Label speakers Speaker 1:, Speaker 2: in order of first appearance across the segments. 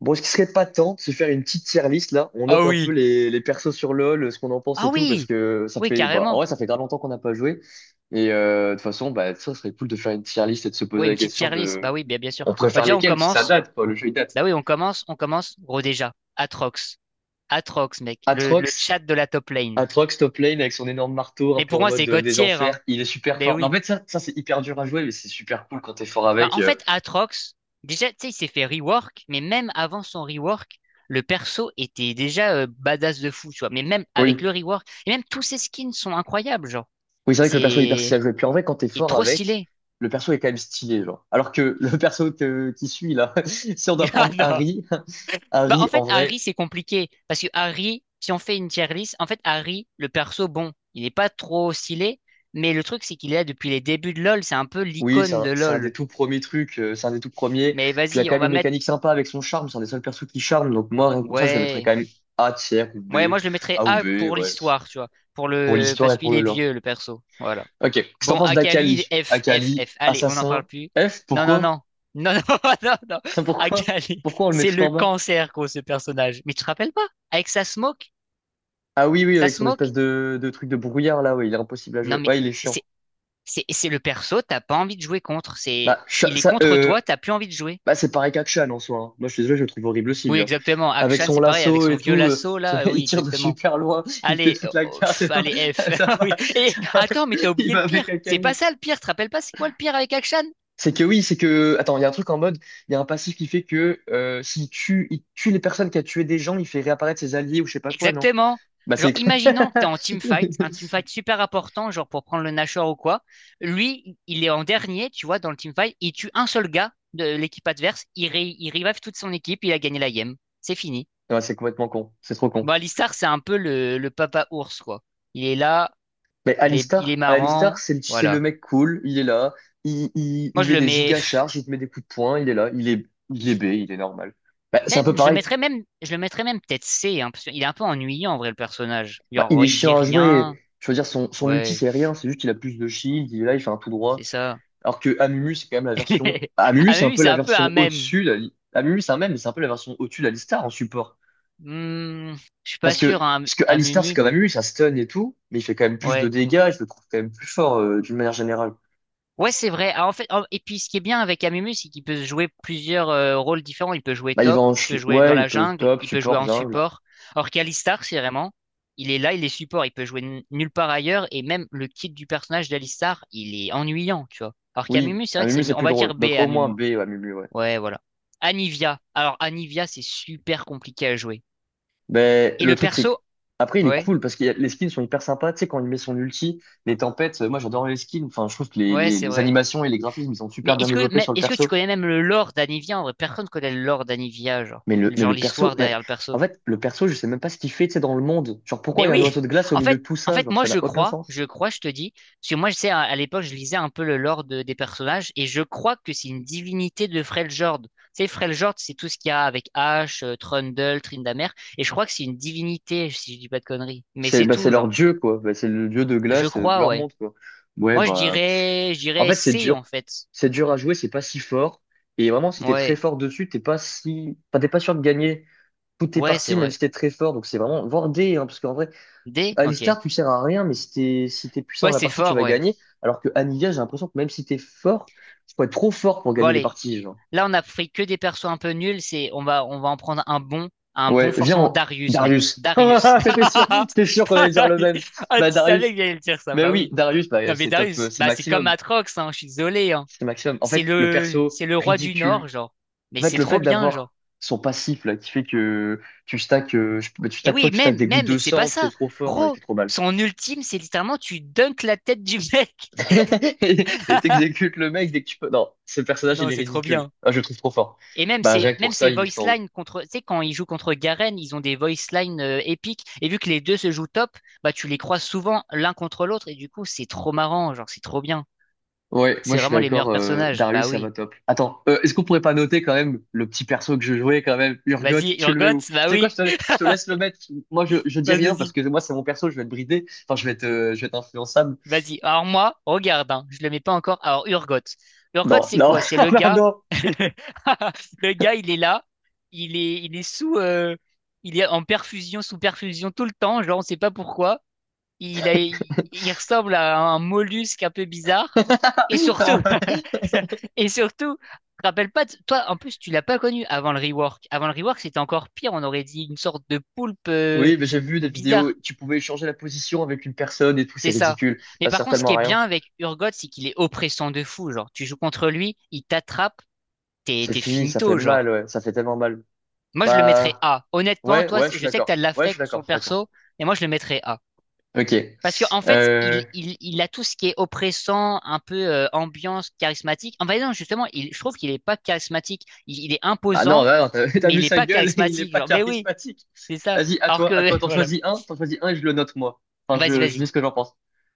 Speaker 1: Bon, est-ce qu'il serait pas temps de se faire une petite tier list là? On
Speaker 2: Ah
Speaker 1: note un peu
Speaker 2: oui.
Speaker 1: les persos sur LoL, ce qu'on en pense
Speaker 2: Ah
Speaker 1: et tout, parce
Speaker 2: oui.
Speaker 1: que ça
Speaker 2: Oui,
Speaker 1: fait, bah, en
Speaker 2: carrément.
Speaker 1: vrai, ça fait grave longtemps qu'on n'a pas joué. Et de toute façon, bah, ça serait cool de faire une tier list et de se poser
Speaker 2: Oui, une
Speaker 1: la
Speaker 2: petite
Speaker 1: question
Speaker 2: tier list. Bah
Speaker 1: de,
Speaker 2: oui, bien sûr.
Speaker 1: on
Speaker 2: Bah,
Speaker 1: préfère
Speaker 2: déjà, on
Speaker 1: lesquels, parce que ça
Speaker 2: commence.
Speaker 1: date, quoi, le jeu il date.
Speaker 2: Bah oui, on commence. Gros déjà. Atrox. Atrox, mec. Le chat
Speaker 1: Atrox,
Speaker 2: de la top lane.
Speaker 1: Atrox top lane avec son énorme marteau, un
Speaker 2: Mais
Speaker 1: peu
Speaker 2: pour
Speaker 1: en
Speaker 2: moi, c'est
Speaker 1: mode
Speaker 2: God
Speaker 1: des
Speaker 2: tier,
Speaker 1: enfers,
Speaker 2: hein.
Speaker 1: il est super
Speaker 2: Mais
Speaker 1: fort. Mais en
Speaker 2: oui.
Speaker 1: fait, ça c'est hyper dur à jouer, mais c'est super cool quand t'es fort
Speaker 2: Bah
Speaker 1: avec.
Speaker 2: en fait, Atrox, déjà, tu sais, il s'est fait rework, mais même avant son rework, le perso était déjà badass de fou, tu vois. Mais même avec
Speaker 1: Oui.
Speaker 2: le rework, et même tous ses skins sont incroyables, genre.
Speaker 1: Oui, c'est vrai que le perso est hyper stylé
Speaker 2: C'est.
Speaker 1: à jouer. Puis en vrai, quand t'es
Speaker 2: Il est
Speaker 1: fort
Speaker 2: trop
Speaker 1: avec,
Speaker 2: stylé.
Speaker 1: le perso est quand même stylé, genre. Alors que le qui suit, là, si on doit
Speaker 2: Ah
Speaker 1: prendre
Speaker 2: non.
Speaker 1: Harry,
Speaker 2: Bah, en
Speaker 1: Harry, en
Speaker 2: fait, Harry,
Speaker 1: vrai,
Speaker 2: c'est compliqué. Parce que Harry, si on fait une tier list, en fait, Harry, le perso, bon, il n'est pas trop stylé. Mais le truc, c'est qu'il est là depuis les débuts de LoL. C'est un peu
Speaker 1: oui, c'est
Speaker 2: l'icône
Speaker 1: un,
Speaker 2: de
Speaker 1: c'est un des
Speaker 2: LoL.
Speaker 1: tout premiers trucs, c'est un des tout premiers.
Speaker 2: Mais
Speaker 1: Puis il y a
Speaker 2: vas-y,
Speaker 1: quand
Speaker 2: on
Speaker 1: même
Speaker 2: va
Speaker 1: une
Speaker 2: mettre.
Speaker 1: mécanique sympa avec son charme, c'est un des seuls persos qui charme. Donc moi, rien que pour ça, je le mettrais
Speaker 2: Ouais.
Speaker 1: quand même A tiers ou B,
Speaker 2: Ouais, moi, je le mettrais
Speaker 1: A ou B,
Speaker 2: A pour
Speaker 1: ouais,
Speaker 2: l'histoire, tu vois. Pour
Speaker 1: pour
Speaker 2: le...
Speaker 1: l'histoire
Speaker 2: Parce
Speaker 1: et pour
Speaker 2: qu'il
Speaker 1: le
Speaker 2: est
Speaker 1: lore.
Speaker 2: vieux, le perso. Voilà.
Speaker 1: Ok, qu'est-ce que t'en
Speaker 2: Bon,
Speaker 1: penses
Speaker 2: Akali,
Speaker 1: d'Akali?
Speaker 2: F, F,
Speaker 1: Akali,
Speaker 2: F. Allez, on n'en parle
Speaker 1: assassin,
Speaker 2: plus.
Speaker 1: F,
Speaker 2: Non, non,
Speaker 1: pourquoi?
Speaker 2: non. Non, non, non, non.
Speaker 1: Pourquoi?
Speaker 2: Akali,
Speaker 1: Pourquoi on le met
Speaker 2: c'est
Speaker 1: tout
Speaker 2: le
Speaker 1: en bas?
Speaker 2: cancer, gros, ce personnage. Mais tu te rappelles pas? Avec sa smoke?
Speaker 1: Ah oui, oui,
Speaker 2: Sa
Speaker 1: avec son espèce
Speaker 2: smoke?
Speaker 1: de, truc de brouillard là, ouais, il est impossible à
Speaker 2: Non,
Speaker 1: jouer.
Speaker 2: mais.
Speaker 1: Ouais, il est chiant.
Speaker 2: C'est le perso, t'as pas envie de jouer contre. C'est
Speaker 1: Bah, Sha-
Speaker 2: il est
Speaker 1: ça,
Speaker 2: contre
Speaker 1: euh,
Speaker 2: toi, t'as plus envie de jouer.
Speaker 1: bah c'est pareil qu'Akshan en soi, hein. Moi, je suis désolé, je le trouve horrible aussi,
Speaker 2: Oui,
Speaker 1: lui, hein.
Speaker 2: exactement.
Speaker 1: Avec
Speaker 2: Akshan,
Speaker 1: son
Speaker 2: c'est pareil avec
Speaker 1: lasso
Speaker 2: son
Speaker 1: et
Speaker 2: vieux
Speaker 1: tout,
Speaker 2: lasso là.
Speaker 1: il
Speaker 2: Oui,
Speaker 1: tire de
Speaker 2: exactement.
Speaker 1: super loin, il fait
Speaker 2: Allez,
Speaker 1: toute la
Speaker 2: oh,
Speaker 1: carte,
Speaker 2: pff,
Speaker 1: et
Speaker 2: allez F.
Speaker 1: ça
Speaker 2: Ah
Speaker 1: va,
Speaker 2: Oui. Et
Speaker 1: ça va,
Speaker 2: attends, mais t'as
Speaker 1: il
Speaker 2: oublié
Speaker 1: va
Speaker 2: le
Speaker 1: avec
Speaker 2: pire. C'est pas
Speaker 1: Akali.
Speaker 2: ça le pire. Tu te rappelles pas c'est quoi le pire avec Akshan?
Speaker 1: C'est que oui, c'est que. Attends, il y a un truc en mode, il y a un passif qui fait que s'il tue, il tue les personnes qui a tué des gens, il fait réapparaître ses alliés ou je sais pas quoi, non?
Speaker 2: Exactement.
Speaker 1: Bah,
Speaker 2: Genre,
Speaker 1: c'est.
Speaker 2: imaginons que t'es en team fight, un team fight super important, genre pour prendre le Nashor ou quoi. Lui, il est en dernier, tu vois, dans le team fight. Il tue un seul gars de l'équipe adverse. Il, ré- il revive toute son équipe. Il a gagné la game. C'est fini.
Speaker 1: Ouais, c'est complètement con. C'est trop con.
Speaker 2: Bon, Alistar, c'est un peu le papa ours, quoi. Il est là,
Speaker 1: Mais
Speaker 2: il est
Speaker 1: Alistar, Alistar,
Speaker 2: marrant,
Speaker 1: c'est le
Speaker 2: voilà.
Speaker 1: mec cool, il est là, il, il,
Speaker 2: Moi,
Speaker 1: il
Speaker 2: je
Speaker 1: met
Speaker 2: le
Speaker 1: des
Speaker 2: mets, pff,
Speaker 1: gigacharges, il te met des coups de poing, il est là, il est B, il est normal. Bah, c'est un peu pareil.
Speaker 2: je le mettrais même peut-être C, hein, parce qu'il est un peu ennuyant, en vrai, le personnage.
Speaker 1: Bah, il
Speaker 2: Genre,
Speaker 1: est
Speaker 2: il dit
Speaker 1: chiant à
Speaker 2: rien,
Speaker 1: jouer, je veux dire, son ulti
Speaker 2: ouais,
Speaker 1: c'est rien, c'est juste qu'il a plus de shield, il est là, il fait un tout droit.
Speaker 2: c'est ça.
Speaker 1: Alors que Amumu, c'est quand même la version... Amumu,
Speaker 2: Ah,
Speaker 1: c'est un
Speaker 2: Mumu,
Speaker 1: peu
Speaker 2: c'est
Speaker 1: la
Speaker 2: un peu un
Speaker 1: version
Speaker 2: mème.
Speaker 1: au-dessus, Amumu c'est un même, mais c'est un peu la version au-dessus d'Alistar en support.
Speaker 2: Hmm, je suis pas
Speaker 1: Parce
Speaker 2: sûr,
Speaker 1: que,
Speaker 2: hein,
Speaker 1: parce que
Speaker 2: à
Speaker 1: Alistar c'est
Speaker 2: Mumu,
Speaker 1: comme
Speaker 2: bon,
Speaker 1: Amumu, ça stun et tout, mais il fait quand même plus de
Speaker 2: ouais.
Speaker 1: dégâts, je le trouve quand même plus fort d'une manière générale.
Speaker 2: Ouais, c'est vrai. Ah, en fait, en- et puis ce qui est bien avec Amumu, c'est qu'il peut jouer plusieurs rôles différents. Il peut jouer
Speaker 1: Bah, il va
Speaker 2: top,
Speaker 1: en...
Speaker 2: il peut
Speaker 1: ch-
Speaker 2: jouer dans
Speaker 1: Ouais, il
Speaker 2: la
Speaker 1: peut
Speaker 2: jungle,
Speaker 1: top,
Speaker 2: il peut jouer
Speaker 1: support,
Speaker 2: en
Speaker 1: jungle.
Speaker 2: support. Or qu'Alistar, c'est vraiment, il est là, il est support, il peut jouer n- nulle part ailleurs. Et même le kit du personnage d'Alistar, il est ennuyant, tu vois. Alors
Speaker 1: Oui,
Speaker 2: qu'Amumu, c'est
Speaker 1: à
Speaker 2: vrai que
Speaker 1: Mumu,
Speaker 2: c'est mieux.
Speaker 1: c'est
Speaker 2: On
Speaker 1: plus
Speaker 2: va
Speaker 1: drôle.
Speaker 2: dire B
Speaker 1: Donc
Speaker 2: à
Speaker 1: au moins
Speaker 2: Amumu.
Speaker 1: B à Mumu, ouais.
Speaker 2: Ouais, voilà. Anivia. Alors Anivia, c'est super compliqué à jouer.
Speaker 1: Mais
Speaker 2: Et
Speaker 1: le
Speaker 2: le
Speaker 1: truc, c'est que...
Speaker 2: perso,
Speaker 1: Après, il est
Speaker 2: ouais,
Speaker 1: cool parce que les skins sont hyper sympas. Tu sais, quand il met son ulti, les tempêtes, moi j'adore les skins. Enfin, je trouve que les,
Speaker 2: ouais,
Speaker 1: les,
Speaker 2: c'est
Speaker 1: les
Speaker 2: vrai.
Speaker 1: animations et les graphismes, ils sont super bien développés sur le
Speaker 2: Est-ce que tu
Speaker 1: perso.
Speaker 2: connais même le lore d'Anivia en vrai? Personne connaît le lore d'Anivia, genre
Speaker 1: Mais
Speaker 2: genre
Speaker 1: le perso,
Speaker 2: l'histoire
Speaker 1: mais
Speaker 2: derrière le
Speaker 1: en
Speaker 2: perso.
Speaker 1: fait, le perso, je sais même pas ce qu'il fait, tu sais, dans le monde. Genre, pourquoi
Speaker 2: Mais
Speaker 1: il y a un
Speaker 2: oui,
Speaker 1: oiseau de glace au
Speaker 2: en
Speaker 1: milieu
Speaker 2: fait,
Speaker 1: de tout
Speaker 2: en
Speaker 1: ça?
Speaker 2: fait,
Speaker 1: Genre,
Speaker 2: moi
Speaker 1: ça n'a
Speaker 2: je
Speaker 1: aucun
Speaker 2: crois,
Speaker 1: sens.
Speaker 2: je te dis, parce que moi je sais à l'époque je lisais un peu le lore de- des personnages et je crois que c'est une divinité de Freljord. Tu sais, Freljord, c'est tout ce qu'il y a avec Ash, Trundle, Tryndamere, et je crois que c'est une divinité si je dis pas de conneries. Mais
Speaker 1: C'est
Speaker 2: c'est
Speaker 1: bah, c'est
Speaker 2: tout,
Speaker 1: leur
Speaker 2: genre.
Speaker 1: dieu, quoi. Bah, c'est le dieu de
Speaker 2: Je
Speaker 1: glace de
Speaker 2: crois,
Speaker 1: leur
Speaker 2: ouais.
Speaker 1: monde, quoi. Ouais,
Speaker 2: Moi
Speaker 1: bah,
Speaker 2: je
Speaker 1: en
Speaker 2: dirais
Speaker 1: fait, c'est
Speaker 2: C
Speaker 1: dur.
Speaker 2: en fait.
Speaker 1: C'est dur à jouer, c'est pas si fort. Et vraiment, si t'es très
Speaker 2: Ouais,
Speaker 1: fort dessus, t'es pas si, enfin, t'es pas sûr de gagner toutes tes
Speaker 2: ouais, c'est
Speaker 1: parties, même
Speaker 2: vrai.
Speaker 1: si t'es très fort. Donc c'est vraiment, voire D, hein, parce qu'en vrai,
Speaker 2: D, ok.
Speaker 1: Alistar, tu sers à rien, mais si t'es puissant dans
Speaker 2: Ouais,
Speaker 1: la
Speaker 2: c'est
Speaker 1: partie, tu
Speaker 2: fort,
Speaker 1: vas
Speaker 2: ouais.
Speaker 1: gagner. Alors que Anivia, j'ai l'impression que même si t'es fort, tu peux être trop fort pour
Speaker 2: Bon
Speaker 1: gagner les
Speaker 2: allez.
Speaker 1: parties, genre.
Speaker 2: Là, on a pris que des persos un peu nuls. C'est, on va en prendre un bon
Speaker 1: Ouais, viens,
Speaker 2: forcément
Speaker 1: on-
Speaker 2: Darius, mec.
Speaker 1: Darius.
Speaker 2: Darius.
Speaker 1: Ah, c'était sûr, c'était sûr qu'on allait dire le même.
Speaker 2: Ah,
Speaker 1: Bah,
Speaker 2: tu savais
Speaker 1: Darius.
Speaker 2: que j'allais le dire ça.
Speaker 1: Mais
Speaker 2: Bah
Speaker 1: oui,
Speaker 2: oui.
Speaker 1: Darius, bah,
Speaker 2: Non, mais
Speaker 1: c'est top,
Speaker 2: Darius,
Speaker 1: c'est
Speaker 2: bah c'est comme
Speaker 1: maximum.
Speaker 2: Atrox, hein. Je suis désolé, hein.
Speaker 1: C'est maximum. En fait, le perso
Speaker 2: C'est le roi du Nord,
Speaker 1: ridicule,
Speaker 2: genre. Mais
Speaker 1: en fait,
Speaker 2: c'est
Speaker 1: le fait
Speaker 2: trop bien, genre.
Speaker 1: d'avoir son passif là, qui fait que tu stacks, bah, tu
Speaker 2: Et
Speaker 1: stacks quoi?
Speaker 2: oui,
Speaker 1: Tu stacks des gouttes de
Speaker 2: c'est pas
Speaker 1: sang, t'es
Speaker 2: ça.
Speaker 1: trop fort, non, il fait
Speaker 2: Gros,
Speaker 1: trop mal.
Speaker 2: son ultime, c'est littéralement tu dunkes la tête du mec.
Speaker 1: Et t'exécutes le mec dès que tu peux. Non, ce personnage, il
Speaker 2: Non,
Speaker 1: est
Speaker 2: c'est trop
Speaker 1: ridicule.
Speaker 2: bien.
Speaker 1: Ah, je le trouve trop fort.
Speaker 2: Et même
Speaker 1: Bah, rien que pour ça,
Speaker 2: ces
Speaker 1: il est tout en
Speaker 2: voice
Speaker 1: haut.
Speaker 2: lines contre, tu sais, quand ils jouent contre Garen, ils ont des voice lines épiques. Et vu que les deux se jouent top, bah, tu les croises souvent l'un contre l'autre. Et du coup, c'est trop marrant. Genre, c'est trop bien.
Speaker 1: Ouais, moi
Speaker 2: C'est
Speaker 1: je suis
Speaker 2: vraiment les
Speaker 1: d'accord,
Speaker 2: meilleurs personnages.
Speaker 1: Darius,
Speaker 2: Bah
Speaker 1: ça
Speaker 2: oui.
Speaker 1: va top. Attends, est-ce qu'on pourrait pas noter quand même le petit perso que je jouais quand même, Urgot,
Speaker 2: Vas-y,
Speaker 1: tu le mets où?
Speaker 2: Urgot.
Speaker 1: Tu
Speaker 2: Bah
Speaker 1: sais quoi,
Speaker 2: oui.
Speaker 1: je te laisse le mettre. Je dis
Speaker 2: Vas-y,
Speaker 1: rien parce
Speaker 2: vas-y.
Speaker 1: que moi c'est mon perso, je vais être bridé. Enfin, je vais être influençable.
Speaker 2: Vas-y. Alors, moi, regarde, hein, je le mets pas encore. Alors, Urgot. Urgot,
Speaker 1: Non,
Speaker 2: c'est
Speaker 1: non,
Speaker 2: quoi? C'est le
Speaker 1: non,
Speaker 2: gars.
Speaker 1: non,
Speaker 2: Le gars, il est là. Il est, il est en perfusion, sous perfusion tout le temps. Genre, on sait pas pourquoi. Il a, il ressemble à un mollusque un peu bizarre. Et surtout,
Speaker 1: non.
Speaker 2: et surtout, je te rappelle pas, de- toi, en plus, tu l'as pas connu avant le rework. Avant le rework, c'était encore pire. On aurait dit une sorte de poulpe
Speaker 1: Oui, mais j'ai vu des vidéos,
Speaker 2: bizarre.
Speaker 1: tu pouvais changer la position avec une personne et tout, c'est
Speaker 2: C'est ça.
Speaker 1: ridicule.
Speaker 2: Mais
Speaker 1: Ça
Speaker 2: par
Speaker 1: sert
Speaker 2: contre, ce qui
Speaker 1: tellement à
Speaker 2: est
Speaker 1: rien.
Speaker 2: bien avec Urgot, c'est qu'il est oppressant de fou. Genre, tu joues contre lui, il t'attrape,
Speaker 1: C'est
Speaker 2: t'es
Speaker 1: fini, ça fait
Speaker 2: finito,
Speaker 1: mal,
Speaker 2: genre.
Speaker 1: ouais, ça fait tellement mal.
Speaker 2: Moi, je le mettrais
Speaker 1: Bah,
Speaker 2: A. Honnêtement,
Speaker 1: ouais,
Speaker 2: toi,
Speaker 1: ouais, je suis
Speaker 2: je sais que t'as
Speaker 1: d'accord.
Speaker 2: de
Speaker 1: Ouais, je suis
Speaker 2: l'affect sur
Speaker 1: d'accord,
Speaker 2: le
Speaker 1: je suis d'accord.
Speaker 2: perso, mais moi, je le mettrais A.
Speaker 1: Ok.
Speaker 2: Parce que en fait,
Speaker 1: Euh...
Speaker 2: il a tout ce qui est oppressant, un peu ambiance charismatique. En fait, non, justement, il, je trouve qu'il est pas charismatique. Il est
Speaker 1: Ah non,
Speaker 2: imposant,
Speaker 1: là, non, t'as t'as
Speaker 2: mais
Speaker 1: vu
Speaker 2: il est
Speaker 1: sa
Speaker 2: pas
Speaker 1: gueule, il est
Speaker 2: charismatique.
Speaker 1: pas
Speaker 2: Genre, mais oui,
Speaker 1: charismatique.
Speaker 2: c'est ça.
Speaker 1: Vas-y,
Speaker 2: Alors
Speaker 1: à
Speaker 2: que
Speaker 1: toi,
Speaker 2: voilà.
Speaker 1: t'en choisis un et je le note moi. Enfin,
Speaker 2: Vas-y,
Speaker 1: je dis
Speaker 2: vas-y.
Speaker 1: ce que j'en pense.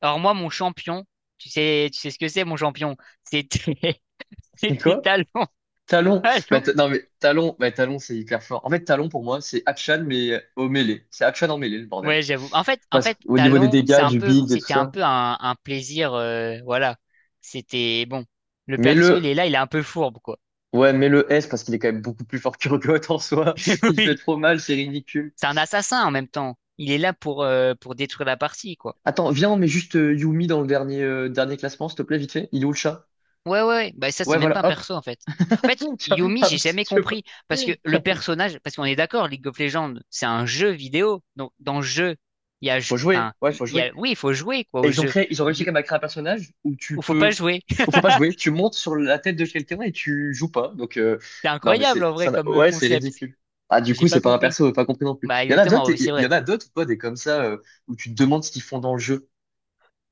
Speaker 2: Alors moi, mon champion, tu sais ce que c'est, mon champion? C'était,
Speaker 1: C'est
Speaker 2: c'était
Speaker 1: quoi?
Speaker 2: Talon.
Speaker 1: Talon. Bah,
Speaker 2: Talon.
Speaker 1: non, mais Talon, bah, Talon, c'est hyper fort. En fait, Talon, pour moi, c'est Hatchan, mais au mêlée. C'est Hatchan en mêlée, le bordel.
Speaker 2: Ouais, j'avoue. En fait, en
Speaker 1: Parce
Speaker 2: fait,
Speaker 1: qu'au niveau des
Speaker 2: Talon, c'est
Speaker 1: dégâts,
Speaker 2: un
Speaker 1: du
Speaker 2: peu,
Speaker 1: build et tout
Speaker 2: c'était un
Speaker 1: ça.
Speaker 2: peu un plaisir. Voilà. C'était bon. Le
Speaker 1: mais
Speaker 2: perso, il
Speaker 1: le,
Speaker 2: est là, il est un peu fourbe, quoi.
Speaker 1: ouais, mais le S parce qu'il est quand même beaucoup plus fort que Urgot en soi. Il fait
Speaker 2: Oui.
Speaker 1: trop mal, c'est ridicule.
Speaker 2: C'est un assassin en même temps. Il est là pour détruire la partie, quoi.
Speaker 1: Attends, viens, on met juste Yumi dans le dernier, dernier classement, s'il te plaît, vite fait. Il est où le chat?
Speaker 2: Ouais. Bah, ça,
Speaker 1: Ouais,
Speaker 2: c'est même
Speaker 1: voilà,
Speaker 2: pas un
Speaker 1: hop.
Speaker 2: perso, en fait. En fait,
Speaker 1: Tiens,
Speaker 2: Yumi,
Speaker 1: ah,
Speaker 2: j'ai jamais
Speaker 1: tu vois.
Speaker 2: compris. Parce que le personnage, parce qu'on est d'accord, League of Legends, c'est un jeu vidéo. Donc, dans le jeu, il y a,
Speaker 1: Faut
Speaker 2: ju-
Speaker 1: jouer,
Speaker 2: enfin,
Speaker 1: ouais,
Speaker 2: il
Speaker 1: faut
Speaker 2: y
Speaker 1: jouer.
Speaker 2: a, oui, il faut jouer, quoi,
Speaker 1: Et
Speaker 2: au
Speaker 1: ils ont
Speaker 2: jeu.
Speaker 1: créé, ils ont réussi
Speaker 2: Il
Speaker 1: quand même à créer un personnage où tu
Speaker 2: ou faut
Speaker 1: peux,
Speaker 2: pas jouer.
Speaker 1: où faut pas jouer. Tu montes sur la tête de quelqu'un et tu joues pas. Donc,
Speaker 2: C'est
Speaker 1: non, mais
Speaker 2: incroyable,
Speaker 1: c'est,
Speaker 2: en
Speaker 1: ça,
Speaker 2: vrai,
Speaker 1: n'a-
Speaker 2: comme
Speaker 1: ouais, c'est
Speaker 2: concept.
Speaker 1: ridicule. Ah, du coup,
Speaker 2: J'ai
Speaker 1: c'est
Speaker 2: pas
Speaker 1: pas un
Speaker 2: compris.
Speaker 1: perso, pas compris non plus.
Speaker 2: Bah, exactement, oui, c'est
Speaker 1: Il y en
Speaker 2: vrai.
Speaker 1: a d'autres, ou pas des comme ça, où tu te demandes ce qu'ils font dans le jeu.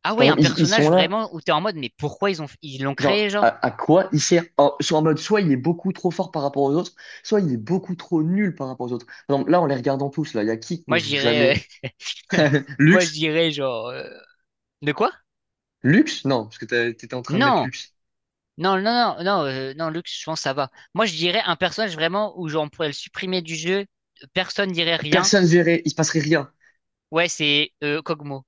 Speaker 2: Ah ouais,
Speaker 1: Par
Speaker 2: un
Speaker 1: exemple, ils sont
Speaker 2: personnage
Speaker 1: là.
Speaker 2: vraiment où t'es en mode, mais pourquoi ils ont, ils l'ont créé,
Speaker 1: Genre,
Speaker 2: genre?
Speaker 1: à quoi il sert? Soit en mode, soit il est beaucoup trop fort par rapport aux autres, soit il est beaucoup trop nul par rapport aux autres. Par exemple, là, en les regardant tous, là, il y a qui
Speaker 2: Moi,
Speaker 1: qu'on
Speaker 2: je
Speaker 1: joue
Speaker 2: dirais,
Speaker 1: jamais?
Speaker 2: euh, moi, je
Speaker 1: Lux?
Speaker 2: dirais, genre, de quoi?
Speaker 1: Lux? Non, parce que t'étais en train de mettre
Speaker 2: Non!
Speaker 1: Lux.
Speaker 2: Non, non, non, non, non, Lux, je pense que ça va. Moi, je dirais un personnage vraiment où genre, on pourrait le supprimer du jeu, personne dirait rien.
Speaker 1: Personne verrait, il se passerait rien.
Speaker 2: Ouais, c'est Kog'Maw.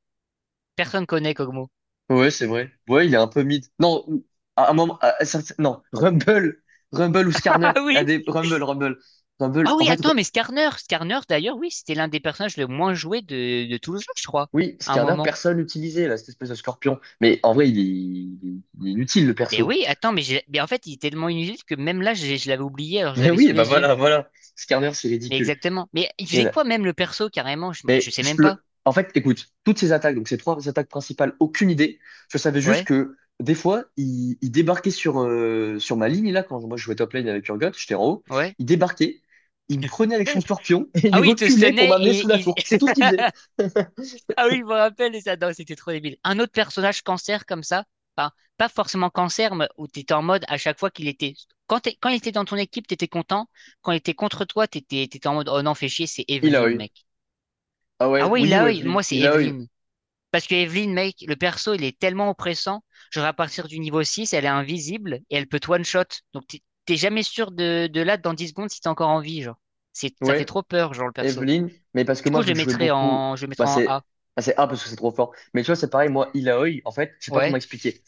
Speaker 2: Personne connaît Kog'Maw.
Speaker 1: Ouais, c'est vrai. Ouais, il est un peu mid. Non, ou- à un moment, à certain- non, Rumble, Rumble ou Skarner.
Speaker 2: Ah
Speaker 1: Il y a
Speaker 2: oui?
Speaker 1: des
Speaker 2: Ah
Speaker 1: Rumble.
Speaker 2: oui, attends, mais Skarner d'ailleurs, oui, c'était l'un des personnages le moins joué de tout le jeu, je crois,
Speaker 1: Oui,
Speaker 2: à un
Speaker 1: Skarner,
Speaker 2: moment.
Speaker 1: personne l'utilisait, là, cette espèce de scorpion. Mais en vrai, il est inutile, le
Speaker 2: Mais
Speaker 1: perso.
Speaker 2: oui, attends, mais, j'ai- mais en fait, il était tellement inutile que même là, je l'avais oublié, alors je
Speaker 1: Mais
Speaker 2: l'avais
Speaker 1: oui,
Speaker 2: sous
Speaker 1: bah
Speaker 2: les yeux.
Speaker 1: voilà, voilà. Skarner, c'est
Speaker 2: Mais
Speaker 1: ridicule.
Speaker 2: exactement. Mais il
Speaker 1: Il y
Speaker 2: faisait
Speaker 1: en a-
Speaker 2: quoi même le perso, carrément? Je
Speaker 1: Mais
Speaker 2: sais même
Speaker 1: je-
Speaker 2: pas.
Speaker 1: le... En fait, écoute, toutes ces attaques, donc ces trois attaques principales, aucune idée. Je savais juste
Speaker 2: Ouais,
Speaker 1: que des fois, il débarquait sur, sur ma ligne, là, quand moi je jouais top lane avec Urgot, j'étais en haut.
Speaker 2: ouais.
Speaker 1: Il débarquait, il me prenait avec son scorpion et
Speaker 2: Ah
Speaker 1: il
Speaker 2: oui, il te
Speaker 1: reculait pour
Speaker 2: sonnait
Speaker 1: m'amener sous
Speaker 2: et
Speaker 1: la
Speaker 2: il...
Speaker 1: tour. C'est tout ce qu'il faisait.
Speaker 2: Ah oui, je me rappelle, et ça, non, c'était trop débile. Un autre personnage cancer comme ça, enfin, pas forcément cancer, mais où t'étais en mode à chaque fois qu'il était. Quand, t'es- quand il était dans ton équipe, t'étais content. Quand il était contre toi, t'étais en mode oh non, fais chier, c'est
Speaker 1: Il a
Speaker 2: Evelyn,
Speaker 1: eu.
Speaker 2: mec.
Speaker 1: Ah
Speaker 2: Ah
Speaker 1: ouais,
Speaker 2: oui,
Speaker 1: oui,
Speaker 2: là, oui,
Speaker 1: Waveling.
Speaker 2: moi, c'est
Speaker 1: Il a eu.
Speaker 2: Evelyn. Parce que Evelyn, mec, le perso, il est tellement oppressant. Genre, à partir du niveau 6, elle est invisible et elle peut te one-shot. Donc, t'es jamais sûr de là, dans 10 secondes, si t'es encore en vie, genre. C'est, ça fait
Speaker 1: Ouais.
Speaker 2: trop peur, genre, le perso.
Speaker 1: Evelyn, mais parce que
Speaker 2: Du
Speaker 1: moi,
Speaker 2: coup,
Speaker 1: vu que je jouais beaucoup,
Speaker 2: je le
Speaker 1: bah
Speaker 2: mettrais en A.
Speaker 1: c'est bah, c'est A parce que c'est trop fort. Mais tu vois, c'est pareil, moi, Ilaoi, en fait, je sais pas
Speaker 2: Ouais.
Speaker 1: comment expliquer.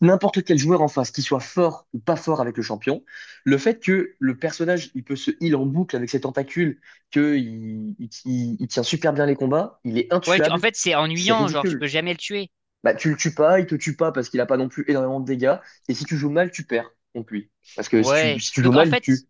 Speaker 1: N'importe quel joueur en face, qu'il soit fort ou pas fort avec le champion, le fait que le personnage, il peut se heal en boucle avec ses tentacules, que il tient super bien les combats, il est
Speaker 2: Ouais, tu- en
Speaker 1: intuable,
Speaker 2: fait, c'est
Speaker 1: c'est
Speaker 2: ennuyant, genre, tu peux
Speaker 1: ridicule.
Speaker 2: jamais le tuer.
Speaker 1: Bah, tu le tues pas, il te tue pas parce qu'il a pas non plus énormément de dégâts, et si tu joues mal, tu perds contre lui. Parce que
Speaker 2: Ouais.
Speaker 1: si tu joues
Speaker 2: Donc, en
Speaker 1: mal, il te
Speaker 2: fait,
Speaker 1: tue.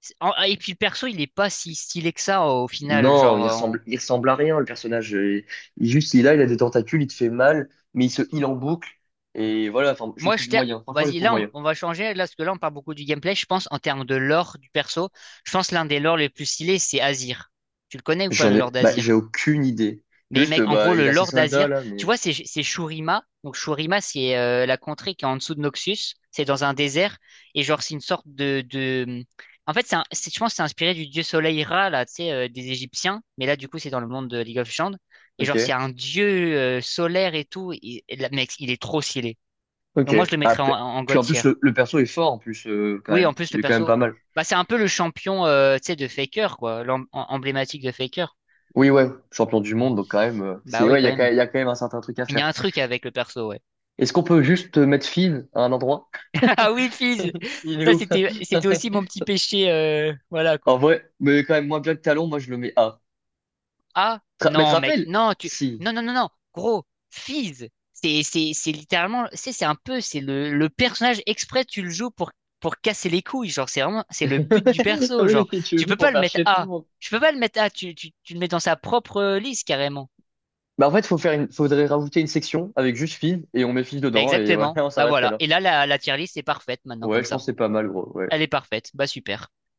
Speaker 2: c'est- en- et puis le perso, il est pas si stylé que ça au final.
Speaker 1: Non,
Speaker 2: Genre, on-
Speaker 1: il ressemble à rien, le personnage. Il, juste, il a des tentacules, il te fait mal, mais il se heal en boucle. Et voilà, enfin, je
Speaker 2: moi,
Speaker 1: trouve
Speaker 2: je t'ai-
Speaker 1: moyen. Franchement, je
Speaker 2: Vas-y,
Speaker 1: trouve
Speaker 2: là,
Speaker 1: moyen.
Speaker 2: on va changer, là, parce que là, on parle beaucoup du gameplay. Je pense, en termes de lore du perso, je pense l'un des lores les plus stylés, c'est Azir. Tu le connais ou pas,
Speaker 1: J'en
Speaker 2: le lore
Speaker 1: ai, bah, j'ai
Speaker 2: d'Azir?
Speaker 1: aucune idée.
Speaker 2: Mais
Speaker 1: Juste,
Speaker 2: mec, en gros,
Speaker 1: bah, il
Speaker 2: le
Speaker 1: a ses
Speaker 2: Lord
Speaker 1: soldats,
Speaker 2: Azir,
Speaker 1: là,
Speaker 2: tu
Speaker 1: mais.
Speaker 2: vois, c'est Shurima. Donc Shurima, c'est la contrée qui est en dessous de Noxus. C'est dans un désert. Et genre, c'est une sorte de... En fait, c'est un- c'est- je pense que c'est inspiré du dieu soleil Ra, là, tu sais, des Égyptiens. Mais là, du coup, c'est dans le monde de League of Legends. Et genre, c'est
Speaker 1: Ok,
Speaker 2: un dieu solaire et tout. Et là, mec, il est trop stylé. Donc
Speaker 1: ok.
Speaker 2: moi, je le mettrais en,
Speaker 1: Après.
Speaker 2: en
Speaker 1: Puis
Speaker 2: God
Speaker 1: en
Speaker 2: tier.
Speaker 1: plus, le perso est fort, en plus, quand
Speaker 2: Oui,
Speaker 1: même.
Speaker 2: en plus,
Speaker 1: Il
Speaker 2: le
Speaker 1: est quand même
Speaker 2: perso...
Speaker 1: pas mal.
Speaker 2: Bah, c'est un peu le champion, tu sais, de Faker, quoi. L'em- Emblématique de Faker.
Speaker 1: Oui, ouais, champion du monde, donc quand même,
Speaker 2: Bah oui,
Speaker 1: ouais,
Speaker 2: quand même.
Speaker 1: il y a quand même un certain truc à
Speaker 2: Il y
Speaker 1: faire.
Speaker 2: a un truc avec le perso, ouais.
Speaker 1: Est-ce qu'on peut juste mettre Fizz à un endroit?
Speaker 2: Ah oui, Fizz.
Speaker 1: Il est
Speaker 2: Ça,
Speaker 1: où?
Speaker 2: c'était, c'était aussi mon petit péché, voilà,
Speaker 1: En
Speaker 2: quoi.
Speaker 1: vrai, mais quand même moins bien que Talon, moi je le mets A.
Speaker 2: Ah,
Speaker 1: Mais te
Speaker 2: non, mec,
Speaker 1: rappelles?
Speaker 2: non, tu,
Speaker 1: Si.
Speaker 2: non, non, non, non, gros, Fizz. C'est littéralement, c'est un peu, c'est le personnage exprès, tu le joues pour casser les couilles, genre, c'est vraiment, c'est le but du perso, genre.
Speaker 1: Oui, tu
Speaker 2: Tu
Speaker 1: joues
Speaker 2: peux pas
Speaker 1: pour
Speaker 2: le
Speaker 1: faire
Speaker 2: mettre
Speaker 1: chier tout le
Speaker 2: A.
Speaker 1: monde.
Speaker 2: Tu peux pas le mettre A, tu le mets dans sa propre liste, carrément.
Speaker 1: Bah en fait, faut faire une... faudrait rajouter une section avec juste filles et on met filles
Speaker 2: Bah,
Speaker 1: dedans et voilà,
Speaker 2: exactement.
Speaker 1: on
Speaker 2: Bah,
Speaker 1: s'arrêterait
Speaker 2: voilà.
Speaker 1: là.
Speaker 2: Et là, la tier list est parfaite, maintenant,
Speaker 1: Ouais,
Speaker 2: comme
Speaker 1: je pense
Speaker 2: ça.
Speaker 1: que c'est pas mal, gros. Ouais.
Speaker 2: Elle est parfaite. Bah, super.